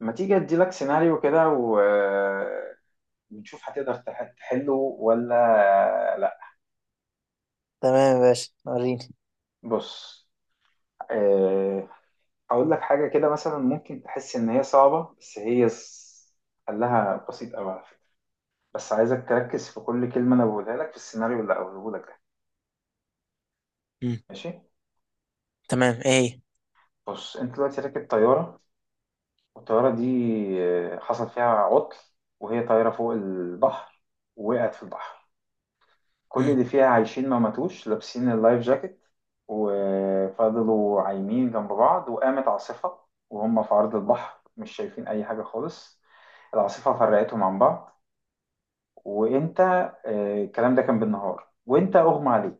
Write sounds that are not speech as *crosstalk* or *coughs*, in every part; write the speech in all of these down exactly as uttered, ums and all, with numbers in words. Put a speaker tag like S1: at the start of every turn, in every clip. S1: ما تيجي اديلك سيناريو كده و... ونشوف هتقدر تح- تحله ولا لا.
S2: تمام يا باشا وريني.
S1: بص. آه، هقول لك حاجة كده مثلا ممكن تحس ان هي صعبة بس هي س- حلها بسيط قوي على فكرة. بس عايزك تركز في كل كلمة انا بقولها لك في السيناريو اللي هقوله لك ده.
S2: مم.
S1: ماشي.
S2: تمام ايه هي؟
S1: بص انت دلوقتي راكب طيارة، والطيارة دي آه، حصل فيها عطل وهي طايرة فوق البحر. وقعت في البحر. كل
S2: مم.
S1: اللي فيها عايشين ما ماتوش، لابسين اللايف جاكيت وفضلوا عايمين جنب بعض، وقامت عاصفة وهم في عرض البحر مش شايفين أي حاجة خالص. العاصفة فرقتهم عن بعض. وأنت آه، الكلام ده كان بالنهار، وأنت أغمى عليك.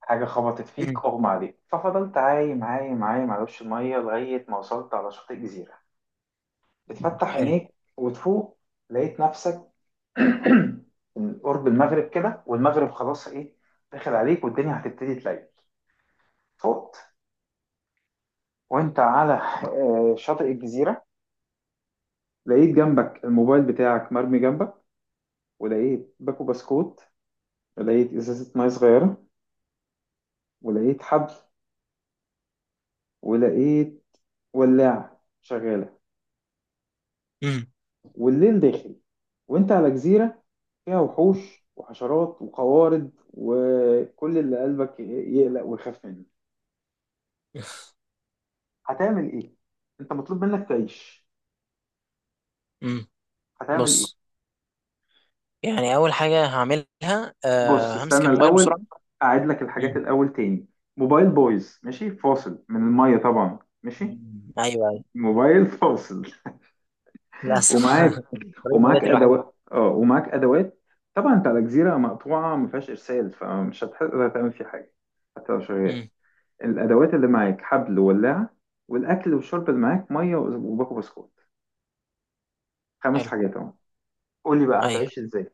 S1: حاجة خبطت فيك
S2: مم.
S1: أغمى عليك، ففضلت عايم عايم عايم على وش المية لغاية ما وصلت على شاطئ جزيرة. بتفتح
S2: حلو.
S1: عينيك وتفوق، لقيت نفسك *coughs* *clears throat* قرب المغرب كده، والمغرب خلاص ايه، داخل عليك والدنيا هتبتدي تليل. فوت، وانت على آه، شاطئ الجزيرة. لقيت جنبك الموبايل بتاعك مرمي جنبك، ولقيت باكو بسكوت، ولقيت ازازة مية صغيرة، ولقيت حبل، ولقيت ولاعة شغالة.
S2: مم.
S1: والليل داخل، وانت على جزيرة فيها وحوش وحشرات وقوارض وكل اللي قلبك يقلق ويخاف منه. هتعمل ايه؟ انت مطلوب منك تعيش.
S2: مم.
S1: هتعمل ايه؟
S2: بص، يعني اول حاجه هعملها
S1: بص
S2: أه همسك
S1: استنى
S2: الموبايل
S1: الاول،
S2: بسرعه.
S1: اعيد لك
S2: مم.
S1: الحاجات الاول تاني. موبايل بايظ، ماشي، فاصل من الميه طبعا، ماشي.
S2: مم. ايوه ايوه.
S1: موبايل *laughs* فاصل.
S2: للاسف
S1: ومعاك
S2: *laughs* طريق النجاة
S1: ومعاك
S2: الوحيد.
S1: ادوات، اه ومعاك ادوات. طبعا انت على جزيره مقطوعه ما فيهاش ارسال، فمش هتقدر تعمل فيه حاجه حتى لو شغال.
S2: مم.
S1: الادوات اللي معاك حبل وولاعه، والاكل والشرب اللي معاك ميه وباكو بسكوت. خمس
S2: حلو.
S1: حاجات اهو. قول لي بقى
S2: ايوه.
S1: هتعيش ازاي.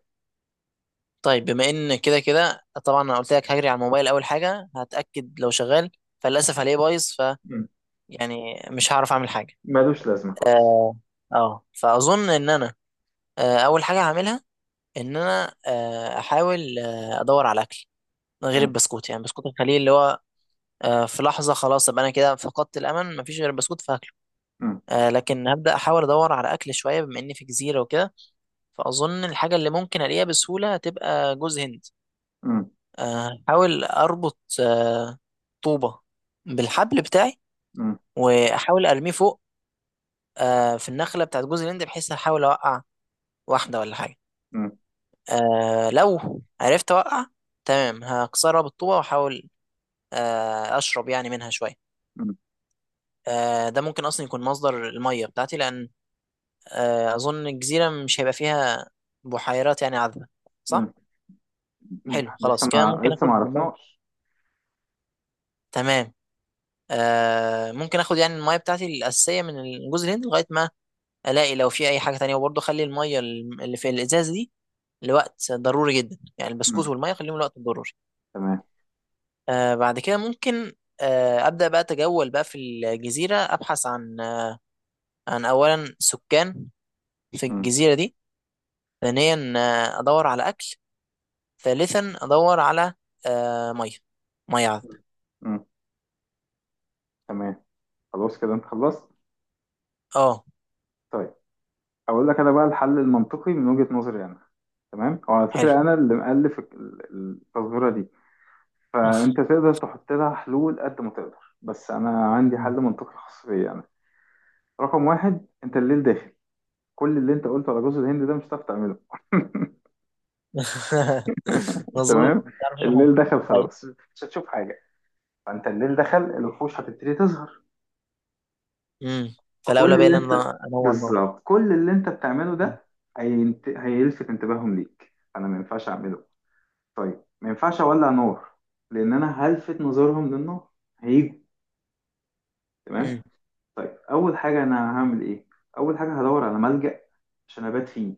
S2: طيب بما ان كده كده طبعا انا قلت لك هجري على الموبايل اول حاجه هتاكد لو شغال، فللاسف هلاقيه بايظ، ف
S1: مم.
S2: يعني مش هعرف اعمل حاجه.
S1: ملوش لازمه خالص.
S2: اه. آه. فاظن ان انا آه، اول حاجه هعملها ان انا آه، احاول آه، ادور على اكل غير
S1: مم.
S2: البسكوت، يعني بسكوت الخليل اللي هو آه، في لحظة خلاص أبقى أنا كده فقدت الأمل مفيش غير البسكوت فهاكله.
S1: مم.
S2: آه، لكن هبدأ أحاول أدور على أكل شوية بما إني في جزيرة وكده، فأظن الحاجة اللي ممكن ألاقيها بسهولة هتبقى جوز هند.
S1: مم.
S2: آه، أحاول أربط آه، طوبة بالحبل بتاعي
S1: مم.
S2: وأحاول أرميه فوق آه، في النخلة بتاعت جوز الهند، بحيث أحاول أوقع واحدة ولا حاجة. آه، لو عرفت أوقع، تمام، هكسرها بالطوبة وأحاول آه، أشرب يعني منها شوية.
S1: مم.
S2: آه، ده ممكن اصلا يكون مصدر الميه بتاعتي، لان آه، اظن الجزيره مش هيبقى فيها بحيرات يعني عذبه، صح؟
S1: مم. مم.
S2: حلو،
S1: لسه
S2: خلاص كده
S1: ما
S2: ممكن
S1: لسه ما
S2: اخد الميه.
S1: عرفناش.
S2: تمام. آه، ممكن اخد يعني الميه بتاعتي الاساسيه من جوز الهند لغايه ما الاقي لو في اي حاجه تانية، وبرضه اخلي الميه اللي في الازاز دي لوقت ضروري جدا. يعني البسكوت
S1: مم.
S2: والميه خليهم لوقت ضروري.
S1: تمام.
S2: آه، بعد كده ممكن آه، ابدا بقى اتجول بقى في الجزيره، ابحث عن عن اولا سكان في
S1: مم.
S2: الجزيره دي، ثانيا آه، ادور على اكل، ثالثا ادور على آه، ميه، ميه عذب.
S1: مم. تمام. خلاص كده انت خلصت.
S2: اه.
S1: طيب اقول لك انا بقى الحل المنطقي من وجهة نظري انا. تمام، هو على
S2: حلو.
S1: فكرة انا اللي مؤلف ال- ال- التظاهرة دي، فانت تقدر تحط لها حلول قد ما تقدر، بس انا عندي حل
S2: مم.
S1: منطقي خاص بيا انا. رقم واحد، انت الليل داخل، كل اللي انت قلته على جوز الهند ده مش هتعرف تعمله. *laughs*
S2: *laughs* مظبوط
S1: تمام.
S2: مش عارف أشوف حاجة.
S1: الليل دخل
S2: طيب.
S1: خلاص، مش هتشوف حاجة. فانت الليل دخل، الوحوش هتبتدي تظهر.
S2: امم، فالاولى
S1: كل
S2: بقى ان
S1: اللي انت
S2: انا انور نار.
S1: بالظبط كل اللي انت بتعمله
S2: مم.
S1: ده هينت... هيلفت انتباههم ليك، انا ما ينفعش اعمله. طيب ما ينفعش اولع نور، لان انا هلفت نظرهم للنار، هيجوا. تمام.
S2: مم.
S1: طيب اول حاجه انا هعمل ايه؟ اول حاجه هدور على ملجأ عشان ابات فيه.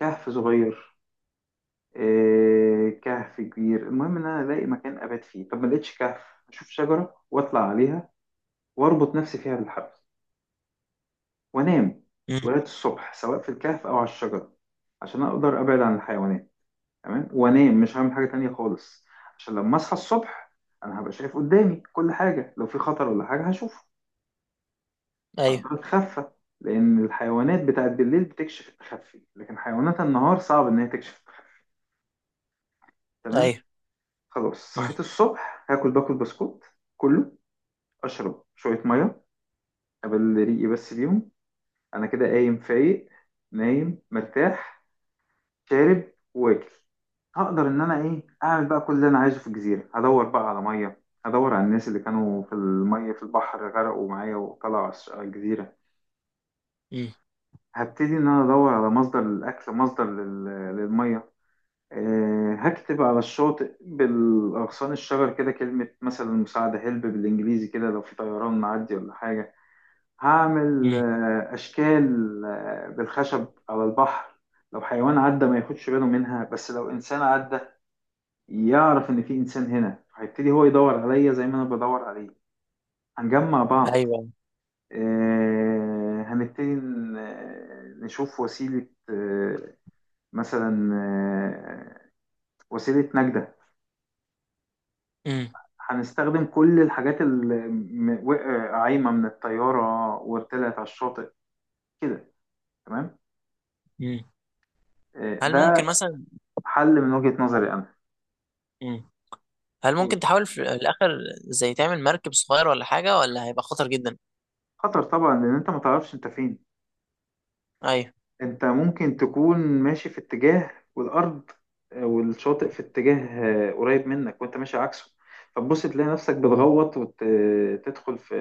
S1: كهف صغير، إيه... كهف كبير، المهم ان انا الاقي مكان ابات فيه. طب ما لقيتش كهف، اشوف شجره واطلع عليها واربط نفسي فيها بالحبل وانام
S2: مم.
S1: لغايه الصبح، سواء في الكهف او على الشجره، عشان اقدر ابعد عن الحيوانات. تمام. وانام مش هعمل حاجه تانية خالص، عشان لما اصحى الصبح انا هبقى شايف قدامي كل حاجه، لو في خطر ولا حاجه هشوفه،
S2: ايوه
S1: هقدر اتخفى. لان الحيوانات بتاعت بالليل بتكشف التخفي، لكن حيوانات النهار صعب ان هي تكشف التخفي. تمام.
S2: ايوه.
S1: خلاص
S2: مم.
S1: صحيت الصبح، هاكل باكل بسكوت كله، اشرب شويه ميه قبل ريقي بس بيهم. انا كده قايم فايق، نايم مرتاح، شارب، واكل. هقدر ان انا ايه اعمل بقى كل اللي انا عايزه في الجزيره. هدور بقى على ميه، هدور على الناس اللي كانوا في الميه في البحر غرقوا معايا وطلعوا على الش- على الجزيره.
S2: مم.
S1: هبتدي ان انا ادور على مصدر للاكل، مصدر لل- للميه. أه، هكتب على الشاطئ بالاغصان الشجر كده كلمه مثلا مساعده، هيلب بالانجليزي كده، لو في طيران معدي ولا حاجه. هعمل
S2: مم.
S1: آه، اشكال آه، بالخشب على البحر. لو حيوان عدى ما ياخدش باله منها، بس لو انسان عدى يعرف ان في انسان هنا، هيبتدي هو يدور عليا زي ما انا بدور عليه. هنجمع بعض.
S2: ايوه.
S1: آه، هنبتدي ن- آه، نشوف وسيلة، آه، مثلا آه، وسيلة نجدة.
S2: مم.
S1: هنستخدم كل الحاجات اللي م- وقع- عايمة من الطيارة وطلعت على الشاطئ كده. تمام.
S2: مم.
S1: آه،
S2: هل ممكن
S1: ده
S2: مثلا.
S1: حل من وجهة نظري أنا.
S2: مم. هل ممكن تحاول في الاخر زي تعمل مركب صغير ولا حاجه، ولا هيبقى خطر جدا؟
S1: خطر طبعا، لأن أنت ما تعرفش أنت فين.
S2: ايوه.
S1: انت ممكن تكون ماشي في اتجاه، والارض آه، والشاطئ في اتجاه آه، قريب منك، وانت ماشي عكسه. فتبص تلاقي نفسك
S2: مم.
S1: بتغوط وتدخل في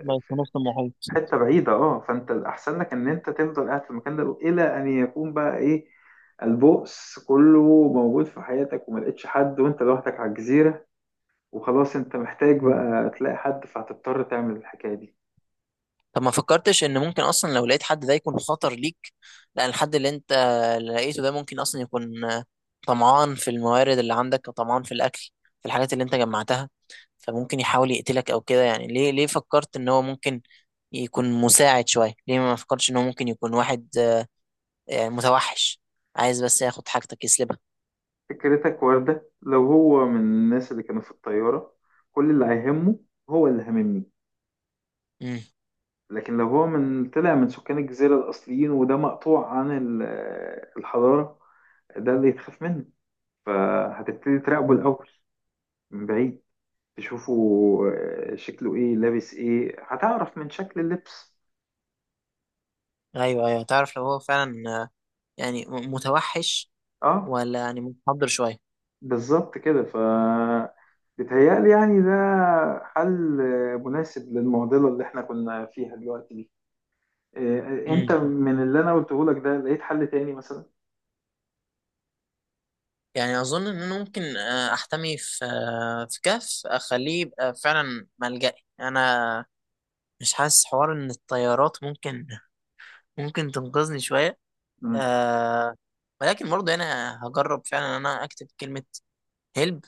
S2: ماشي في
S1: في
S2: نص المحيط.
S1: حته بعيده، اه. فانت الاحسن لك ان انت تفضل قاعد في المكان ده، الى ان يكون بقى ايه البؤس كله موجود في حياتك، وما لقيتش حد، وانت لوحدك على الجزيره، وخلاص انت محتاج بقى تلاقي حد، فهتضطر تعمل الحكايه دي.
S2: طب ما فكرتش ان ممكن اصلا لو لقيت حد ده يكون خطر ليك؟ لان الحد اللي انت لقيته ده ممكن اصلا يكون طمعان في الموارد اللي عندك وطمعان في الاكل، في الحاجات اللي انت جمعتها، فممكن يحاول يقتلك او كده. يعني ليه ليه فكرت ان هو ممكن يكون مساعد شوية؟ ليه ما فكرتش ان هو ممكن يكون واحد آه، يعني متوحش، عايز بس ياخد حاجتك يسلبها؟
S1: فكرتك وردة، لو هو من الناس اللي كانوا في الطيارة، كل اللي هيهمه هو اللي هاممني.
S2: امم.
S1: لكن لو هو من طلع من سكان الجزيرة الأصليين، وده مقطوع عن ال- الحضارة، ده اللي يتخاف منه. فهتبتدي تراقبه الأول من بعيد، تشوفه، آه، شكله إيه، لابس إيه، هتعرف من شكل اللبس.
S2: ايوه ايوه، تعرف لو هو فعلا آه، يعني م- متوحش
S1: أه،
S2: ولا يعني متحضر شوية.
S1: بالظبط كده. ف بيتهيألي يعني ده حل آه، مناسب للمعضلة اللي إحنا كنا فيها دلوقتي دي. إيه، انت
S2: مم.
S1: من اللي انا قلته لك ده لقيت حل تاني مثلا؟
S2: يعني اظن ان انا ممكن آه، احتمي في آه، في كهف، اخليه يبقى فعلا ملجأي انا. مش حاسس حوار ان الطيارات ممكن ممكن تنقذني شويه.
S1: امم.
S2: أه. ولكن برضه انا هجرب فعلا ان انا اكتب كلمه هلب،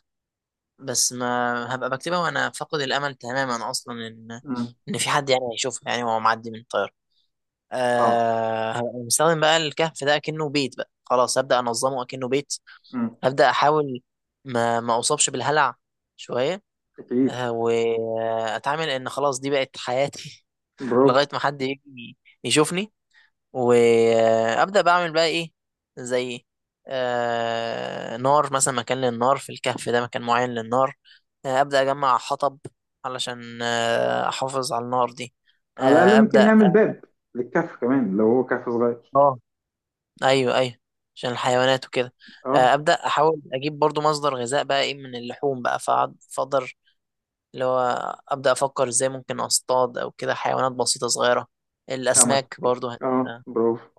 S2: بس ما هبقى بكتبها وانا فاقد الامل تماما اصلا ان
S1: امم.
S2: ان في حد يعني هيشوفها، يعني وهو معدي من الطياره.
S1: اه.
S2: أه، هبقى مستخدم بقى الكهف ده كأنه بيت، بقى خلاص هبدأ انظمه كأنه بيت.
S1: امم.
S2: ابدا احاول ما ما اصابش بالهلع شويه،
S1: اكيد.
S2: آه، واتعامل ان خلاص دي بقت حياتي. *laughs*
S1: برافو.
S2: لغايه ما حد يجي يشوفني. وابدا بعمل بقى ايه، زي آه، نار مثلا. مكان للنار في الكهف ده، مكان معين للنار. آه، ابدا اجمع حطب علشان آه، احافظ على النار دي.
S1: على الاقل
S2: آه،
S1: ممكن
S2: ابدا.
S1: نعمل باب للكهف كمان لو هو كهف صغير.
S2: اه. ايوه ايوه، عشان الحيوانات وكده.
S1: اه.
S2: آه، ابدا احاول اجيب برضو مصدر غذاء بقى ايه من اللحوم بقى، فأقعد- فاقدر اللي هو أبدأ أفكر إزاي ممكن أصطاد أو كده حيوانات بسيطة صغيرة.
S1: سمك.
S2: الأسماك برضو هت...
S1: اه، برافو.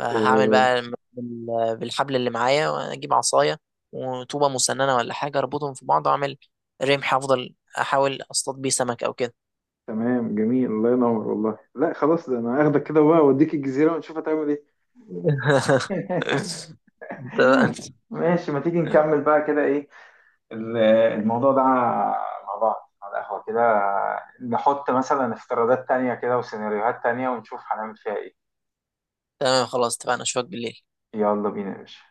S2: هعمل
S1: إيه.
S2: بقى بال- بالحبل اللي معايا وأجيب عصاية وطوبة مسننة ولا حاجة، أربطهم في بعض وأعمل رمح، أفضل أحاول أصطاد بيه سمك أو كده.
S1: تمام جميل. الله ينور والله. لا، خلاص ده انا هاخدك كده بقى واوديك الجزيره ونشوف هتعمل ايه.
S2: *laughs*
S1: *laughs*
S2: تمام.
S1: ماشي، ما تيجي نكمل بقى كده ايه ال- الموضوع ده مع بعض على القهوة كده، نحط مثلا افتراضات تانية كده وسيناريوهات تانية ونشوف هنعمل فيها ايه.
S2: تمام، خلاص اتفقنا، أشوفك بالليل.
S1: يلا بينا يا باشا.